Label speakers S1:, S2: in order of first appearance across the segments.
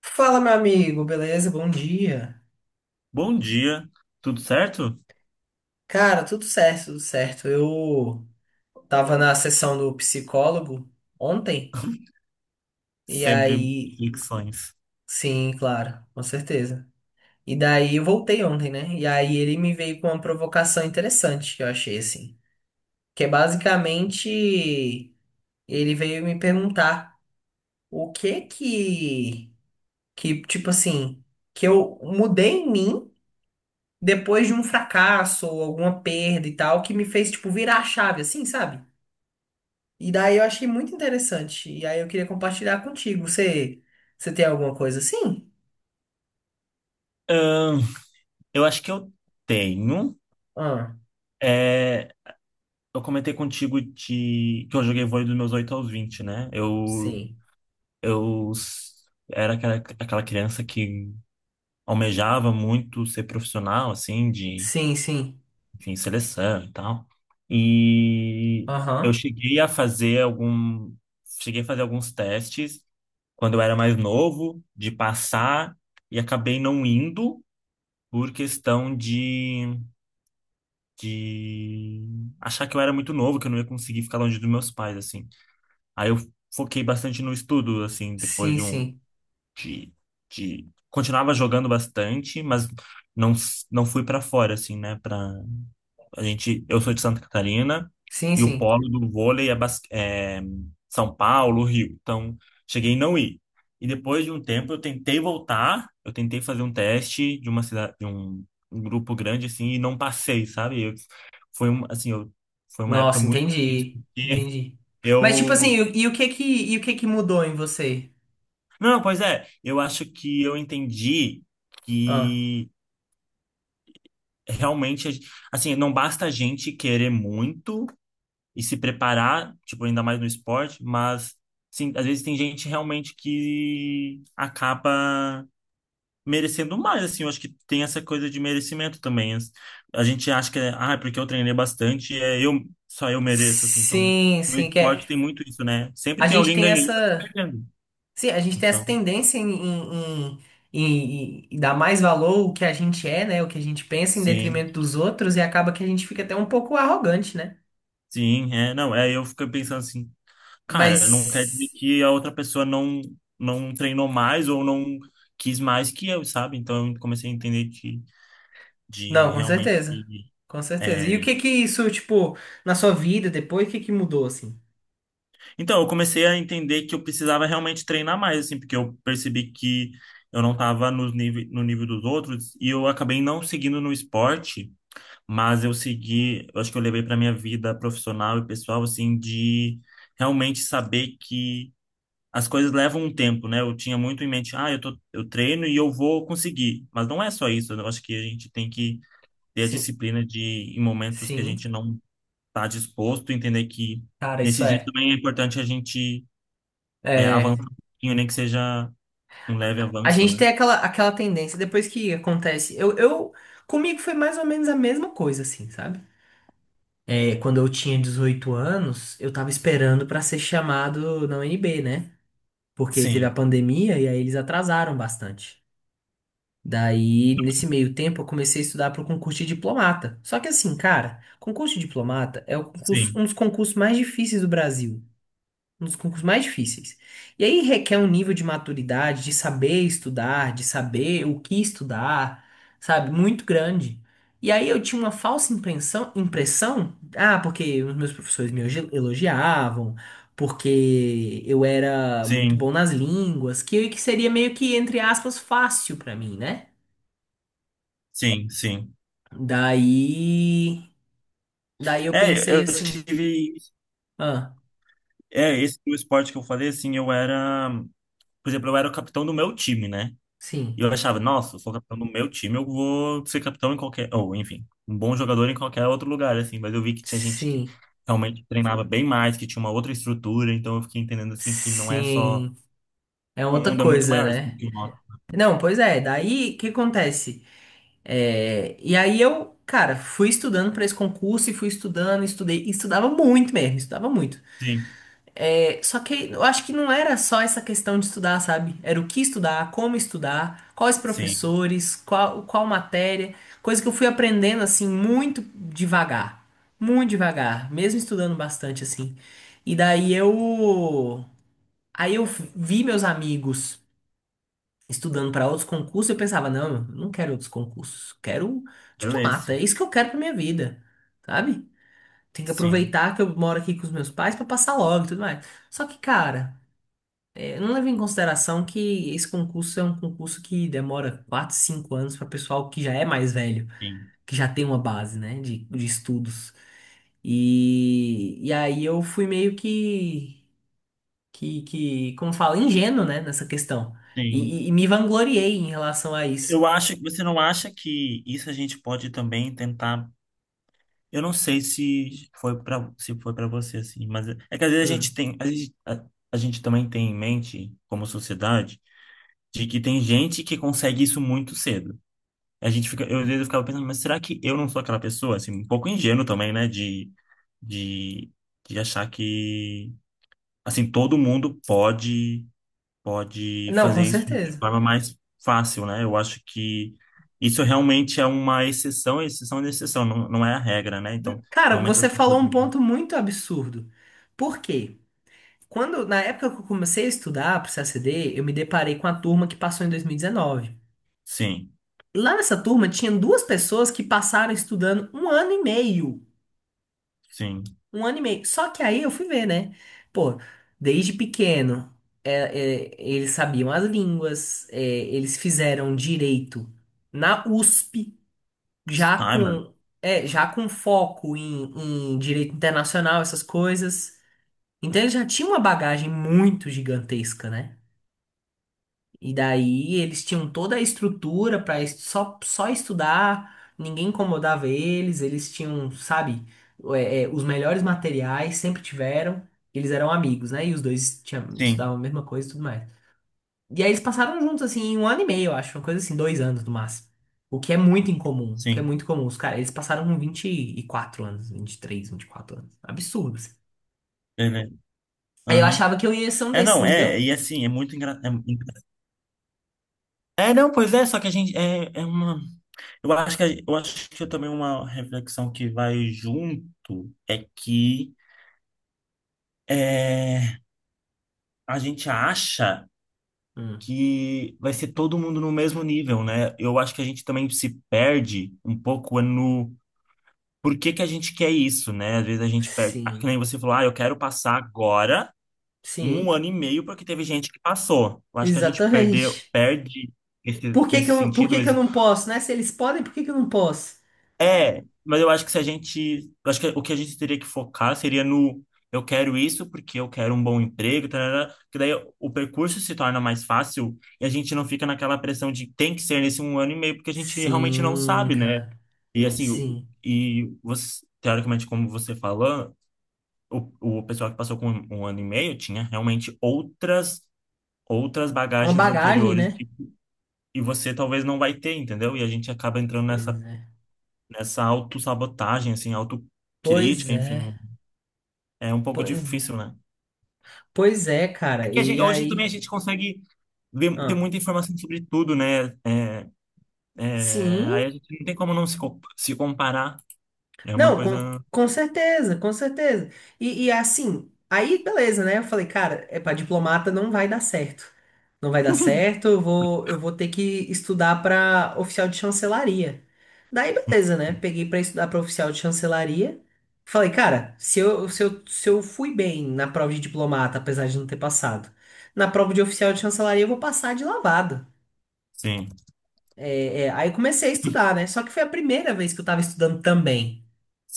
S1: Fala, meu amigo, beleza? Bom dia.
S2: Bom dia, tudo certo?
S1: Cara, tudo certo, tudo certo. Eu tava na sessão do psicólogo ontem, e
S2: Sempre
S1: aí,
S2: reflexões.
S1: sim, claro, com certeza. E daí eu voltei ontem, né? E aí ele me veio com uma provocação interessante que eu achei assim, que é basicamente ele veio me perguntar o que que tipo assim, que eu mudei em mim depois de um fracasso ou alguma perda e tal, que me fez, tipo, virar a chave, assim, sabe? E daí eu achei muito interessante. E aí eu queria compartilhar contigo. Você tem alguma coisa assim?
S2: Ahn, eu acho que eu tenho.
S1: Ah,
S2: É, eu comentei contigo de, que eu joguei vôlei dos meus 8 aos 20, né? Eu,
S1: sim.
S2: eu s- era aquela criança que almejava muito ser profissional, assim, de,
S1: Sim, sim.
S2: enfim, seleção e tal. E eu
S1: Aham.
S2: cheguei a fazer algum, cheguei a fazer alguns testes quando eu era mais novo, de passar, e acabei não indo por questão de achar que eu era muito novo, que eu não ia conseguir ficar longe dos meus pais, assim. Aí eu foquei bastante no estudo, assim, depois
S1: Sim,
S2: de um.
S1: sim.
S2: De, de... continuava jogando bastante, mas não, não fui para fora, assim, né? A gente, eu sou de Santa Catarina,
S1: Sim,
S2: e o
S1: sim.
S2: polo do vôlei é São Paulo, Rio. Então, cheguei em não ir. E depois de um tempo eu tentei voltar, eu tentei fazer um teste de uma cidade, de um, um grupo grande assim e não passei, sabe? Eu- foi um, assim, eu, Foi uma época
S1: Nossa,
S2: muito difícil
S1: entendi.
S2: porque
S1: Entendi. Mas, tipo assim,
S2: eu
S1: e o que que mudou em você?
S2: não, pois é, eu acho que eu entendi
S1: Ah.
S2: que realmente, assim, não basta a gente querer muito e se preparar, tipo, ainda mais no esporte, mas sim, às vezes tem gente realmente que acaba merecendo mais, assim. Eu acho que tem essa coisa de merecimento também. A gente acha que é, ah, é porque eu treinei bastante, só eu mereço, assim. Então
S1: Sim,
S2: no
S1: sim, que é.
S2: esporte tem muito isso, né? Sempre
S1: A
S2: tem
S1: gente
S2: alguém
S1: tem
S2: ganhando e alguém
S1: essa.
S2: perdendo.
S1: Sim, a gente tem essa
S2: Então,
S1: tendência em dar mais valor ao que a gente é, né? O que a gente pensa em
S2: sim,
S1: detrimento dos outros e acaba que a gente fica até um pouco arrogante, né?
S2: sim, é, não, é, eu fico pensando assim, cara, não quer dizer
S1: Mas,
S2: que a outra pessoa não treinou mais ou não quis mais que eu, sabe? Então eu comecei a entender que de
S1: não, com
S2: realmente.
S1: certeza. Com certeza. E o
S2: É.
S1: que que isso, tipo, na sua vida depois, o que que mudou, assim?
S2: Então, eu comecei a entender que eu precisava realmente treinar mais, assim, porque eu percebi que eu não estava no nível dos outros e eu acabei não seguindo no esporte, mas eu segui, eu acho que eu levei para minha vida profissional e pessoal, assim, de realmente saber que as coisas levam um tempo, né? Eu tinha muito em mente, ah, eu tô, eu treino e eu vou conseguir, mas não é só isso. Eu acho que a gente tem que ter a
S1: Sim,
S2: disciplina de, em momentos que a
S1: sim.
S2: gente não estar disposto, entender que
S1: Cara, isso
S2: nesses dias
S1: é.
S2: também é importante a gente avançar
S1: É.
S2: um pouquinho, nem que seja um leve
S1: A
S2: avanço,
S1: gente
S2: né?
S1: tem aquela, aquela tendência, depois que acontece. Comigo foi mais ou menos a mesma coisa, assim, sabe? É, quando eu tinha 18 anos, eu tava esperando pra ser chamado na UNB, né? Porque teve a
S2: Sim,
S1: pandemia e aí eles atrasaram bastante. Daí, nesse meio tempo, eu comecei a estudar pro concurso de diplomata. Só que assim, cara, concurso de diplomata é o concurso-
S2: sim,
S1: um dos concursos mais difíceis do Brasil. Um dos concursos mais difíceis. E aí requer um nível de maturidade, de saber estudar, de saber o que estudar, sabe? Muito grande. E aí eu tinha uma falsa impressão, ah, porque os meus professores me elogiavam, porque eu era muito
S2: sim,
S1: bom nas línguas, que seria meio que, entre aspas, fácil pra mim, né?
S2: sim, sim.
S1: Daí, daí, eu
S2: É,
S1: pensei
S2: eu
S1: assim,
S2: tive.
S1: ah,
S2: É, esse o esporte que eu falei, assim, eu era. Por exemplo, eu era o capitão do meu time, né? E
S1: sim,
S2: eu achava, nossa, eu sou capitão do meu time, eu vou ser capitão em qualquer. Ou, enfim, um bom jogador em qualquer outro lugar, assim. Mas eu vi que tinha gente que
S1: sim,
S2: realmente treinava bem mais, que tinha uma outra estrutura, então eu fiquei entendendo, assim, que não é só.
S1: sim, é
S2: O
S1: outra
S2: mundo é muito
S1: coisa,
S2: maior do
S1: né?
S2: que o nosso.
S1: Não, pois é, daí o que acontece? É, e aí eu, cara, fui estudando pra esse concurso e fui estudando, estudei, e estudava muito mesmo, estudava muito.
S2: Sim,
S1: É, só que eu acho que não era só essa questão de estudar, sabe? Era o que estudar, como estudar, quais
S2: sim.
S1: professores, qual, qual matéria, coisa que eu fui aprendendo assim muito devagar, mesmo estudando bastante assim. E daí eu, aí eu vi meus amigos estudando para outros concursos, eu pensava, não, eu não quero outros concursos, quero
S2: Quero
S1: diplomata,
S2: esse.
S1: é isso que eu quero para minha vida, sabe? Tem que
S2: Sim,
S1: aproveitar que eu moro aqui com os meus pais para passar logo e tudo mais. Só que, cara, é, eu não levo em consideração que esse concurso é um concurso que demora 4, 5 anos para pessoal que já é mais velho,
S2: sim,
S1: que já tem uma base, né, de estudos. E aí eu fui meio que, como fala, ingênuo, né, nessa questão.
S2: sim.
S1: E, e me vangloriei em relação a isso.
S2: Eu acho que você não acha que isso a gente pode também tentar. Eu não sei se foi para você assim, mas é que às vezes
S1: Hum.
S2: a gente também tem em mente como sociedade de que tem gente que consegue isso muito cedo. A gente fica, eu às vezes eu ficava pensando, mas será que eu não sou aquela pessoa assim, um pouco ingênuo também, né, de de achar que assim todo mundo pode
S1: Não, com
S2: fazer isso de
S1: certeza.
S2: forma mais fácil, né? Eu acho que isso realmente é uma exceção, exceção de exceção, não, não é a regra, né? Então,
S1: Cara,
S2: realmente as
S1: você falou
S2: pessoas.
S1: um ponto muito absurdo. Por quê? Quando, na época que eu comecei a estudar para o CACD, eu me deparei com a turma que passou em 2019.
S2: Sim,
S1: Lá nessa turma tinha duas pessoas que passaram estudando um ano e meio.
S2: sim.
S1: Um ano e meio. Só que aí eu fui ver, né? Pô, desde pequeno, é, eles sabiam as línguas, é, eles fizeram direito na USP, já
S2: Ai, mano.
S1: com já com foco em direito internacional, essas coisas. Então eles já tinham uma bagagem muito gigantesca, né? E daí eles tinham toda a estrutura para só estudar, ninguém incomodava eles, eles tinham, sabe, os melhores materiais, sempre tiveram, eles eram amigos, né? E os dois tinham,
S2: Sim,
S1: estudavam a mesma coisa e tudo mais. E aí eles passaram juntos, assim, um ano e meio, eu acho. Uma coisa assim, 2 anos no máximo. O que é muito incomum. O que é
S2: sim.
S1: muito comum. Os caras, eles passaram com 24 anos, 23 24 anos. Absurdo, assim.
S2: Beleza.
S1: Aí eu
S2: Aham.
S1: achava que eu ia ser um
S2: É,
S1: desses,
S2: não,
S1: entendeu?
S2: é, e assim, é muito engraçado. É, é, não, pois é, só que a gente. É, é uma. Eu acho que, eu acho que também uma reflexão que vai junto é que é, a gente acha
S1: Hum,
S2: que vai ser todo mundo no mesmo nível, né? Eu acho que a gente também se perde um pouco no por que que a gente quer isso, né? Às vezes a gente perde. Ah, que
S1: sim,
S2: nem você falou, ah, eu quero passar agora em um
S1: sim,
S2: ano e meio porque teve gente que passou. Eu acho que a gente perdeu,
S1: exatamente.
S2: perde
S1: Por que que
S2: nesse
S1: eu, por
S2: sentido.
S1: que que eu não posso, né? Se eles podem, por que que eu não posso?
S2: É, mas eu acho que se a gente. Eu acho que o que a gente teria que focar seria no. Eu quero isso porque eu quero um bom emprego, tarará, que daí o percurso se torna mais fácil e a gente não fica naquela pressão de tem que ser nesse um ano e meio, porque a gente realmente não
S1: Sim,
S2: sabe, né?
S1: cara,
S2: E assim, o-
S1: sim.
S2: e você, teoricamente, como você falou, o, o pessoal que passou com um ano e meio tinha realmente outras
S1: Uma
S2: bagagens
S1: bagagem,
S2: anteriores
S1: né?
S2: que, e você talvez não vai ter, entendeu? E a gente acaba entrando
S1: Pois
S2: nessa
S1: é.
S2: nessa autossabotagem, assim,
S1: Pois
S2: autocrítica,
S1: é,
S2: enfim, é um pouco
S1: pois é.
S2: difícil, né?
S1: Pois é,
S2: É
S1: cara,
S2: que a gente,
S1: e
S2: hoje também a
S1: aí?
S2: gente consegue ver, ter
S1: Ah.
S2: muita informação sobre tudo, né? É, é,
S1: Sim,
S2: aí a gente não tem como não se comparar. É uma
S1: não, com,
S2: coisa.
S1: com certeza, com certeza. E assim, aí beleza, né? Eu falei, cara, é para diplomata não vai dar certo. Não vai dar certo, eu vou ter que estudar para oficial de chancelaria. Daí beleza, né? Peguei para estudar para oficial de chancelaria. Falei, cara, se eu fui bem na prova de diplomata, apesar de não ter passado, na prova de oficial de chancelaria eu vou passar de lavada.
S2: Sim,
S1: Aí comecei a estudar, né? Só que foi a primeira vez que eu tava estudando também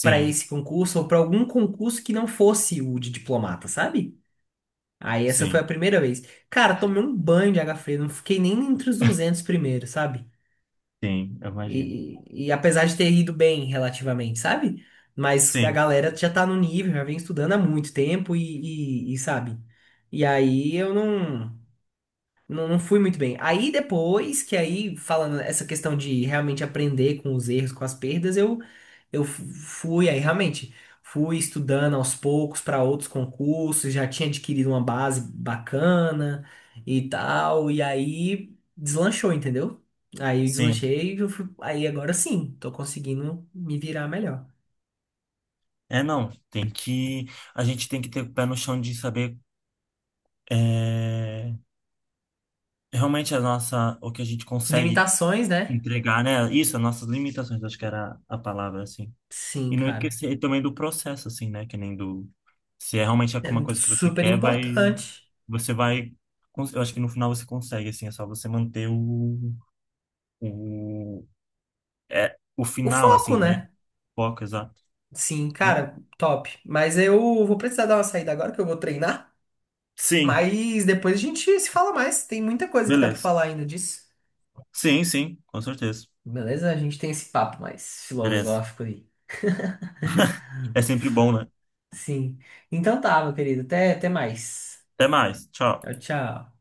S1: para esse concurso ou para algum concurso que não fosse o de diplomata, sabe? Aí essa foi
S2: sim,
S1: a primeira vez. Cara, tomei um banho de água fria, não fiquei nem entre os 200 primeiros, sabe?
S2: sim, eu
S1: E,
S2: imagino.
S1: e, e apesar de ter ido bem relativamente, sabe? Mas a
S2: Sim,
S1: galera já tá no nível, já vem estudando há muito tempo e sabe? E aí eu não. Não, não fui muito bem. Aí depois, que aí, falando essa questão de realmente aprender com os erros, com as perdas, eu fui, aí realmente, fui estudando aos poucos para outros concursos, já tinha adquirido uma base bacana e tal, e aí deslanchou, entendeu? Aí eu
S2: sim.
S1: deslanchei e eu fui, aí agora sim, tô conseguindo me virar melhor.
S2: É, não, tem que. A gente tem que ter o pé no chão de saber é, realmente a nossa, o que a gente consegue
S1: Limitações, né?
S2: entregar, né? Isso, as nossas limitações, acho que era a palavra, assim.
S1: Sim,
S2: E não
S1: cara.
S2: esquecer também do processo, assim, né? Que nem do. Se é realmente
S1: É
S2: alguma coisa que você
S1: super
S2: quer, vai.
S1: importante.
S2: Você vai. Eu acho que no final você consegue, assim, é só você manter O, o
S1: O
S2: final,
S1: foco,
S2: assim, né?
S1: né?
S2: Foco, exato.
S1: Sim,
S2: Mas-
S1: cara, top. Mas eu vou precisar dar uma saída agora que eu vou treinar.
S2: Sim,
S1: Mas depois a gente se fala mais. Tem muita coisa que dá pra
S2: beleza.
S1: falar ainda disso.
S2: Sim, sim, com certeza.
S1: Beleza? A gente tem esse papo mais
S2: Beleza.
S1: filosófico aí.
S2: É sempre bom, né?
S1: Sim. Então tá, meu querido. Até mais.
S2: Até mais. Tchau.
S1: Tchau, tchau.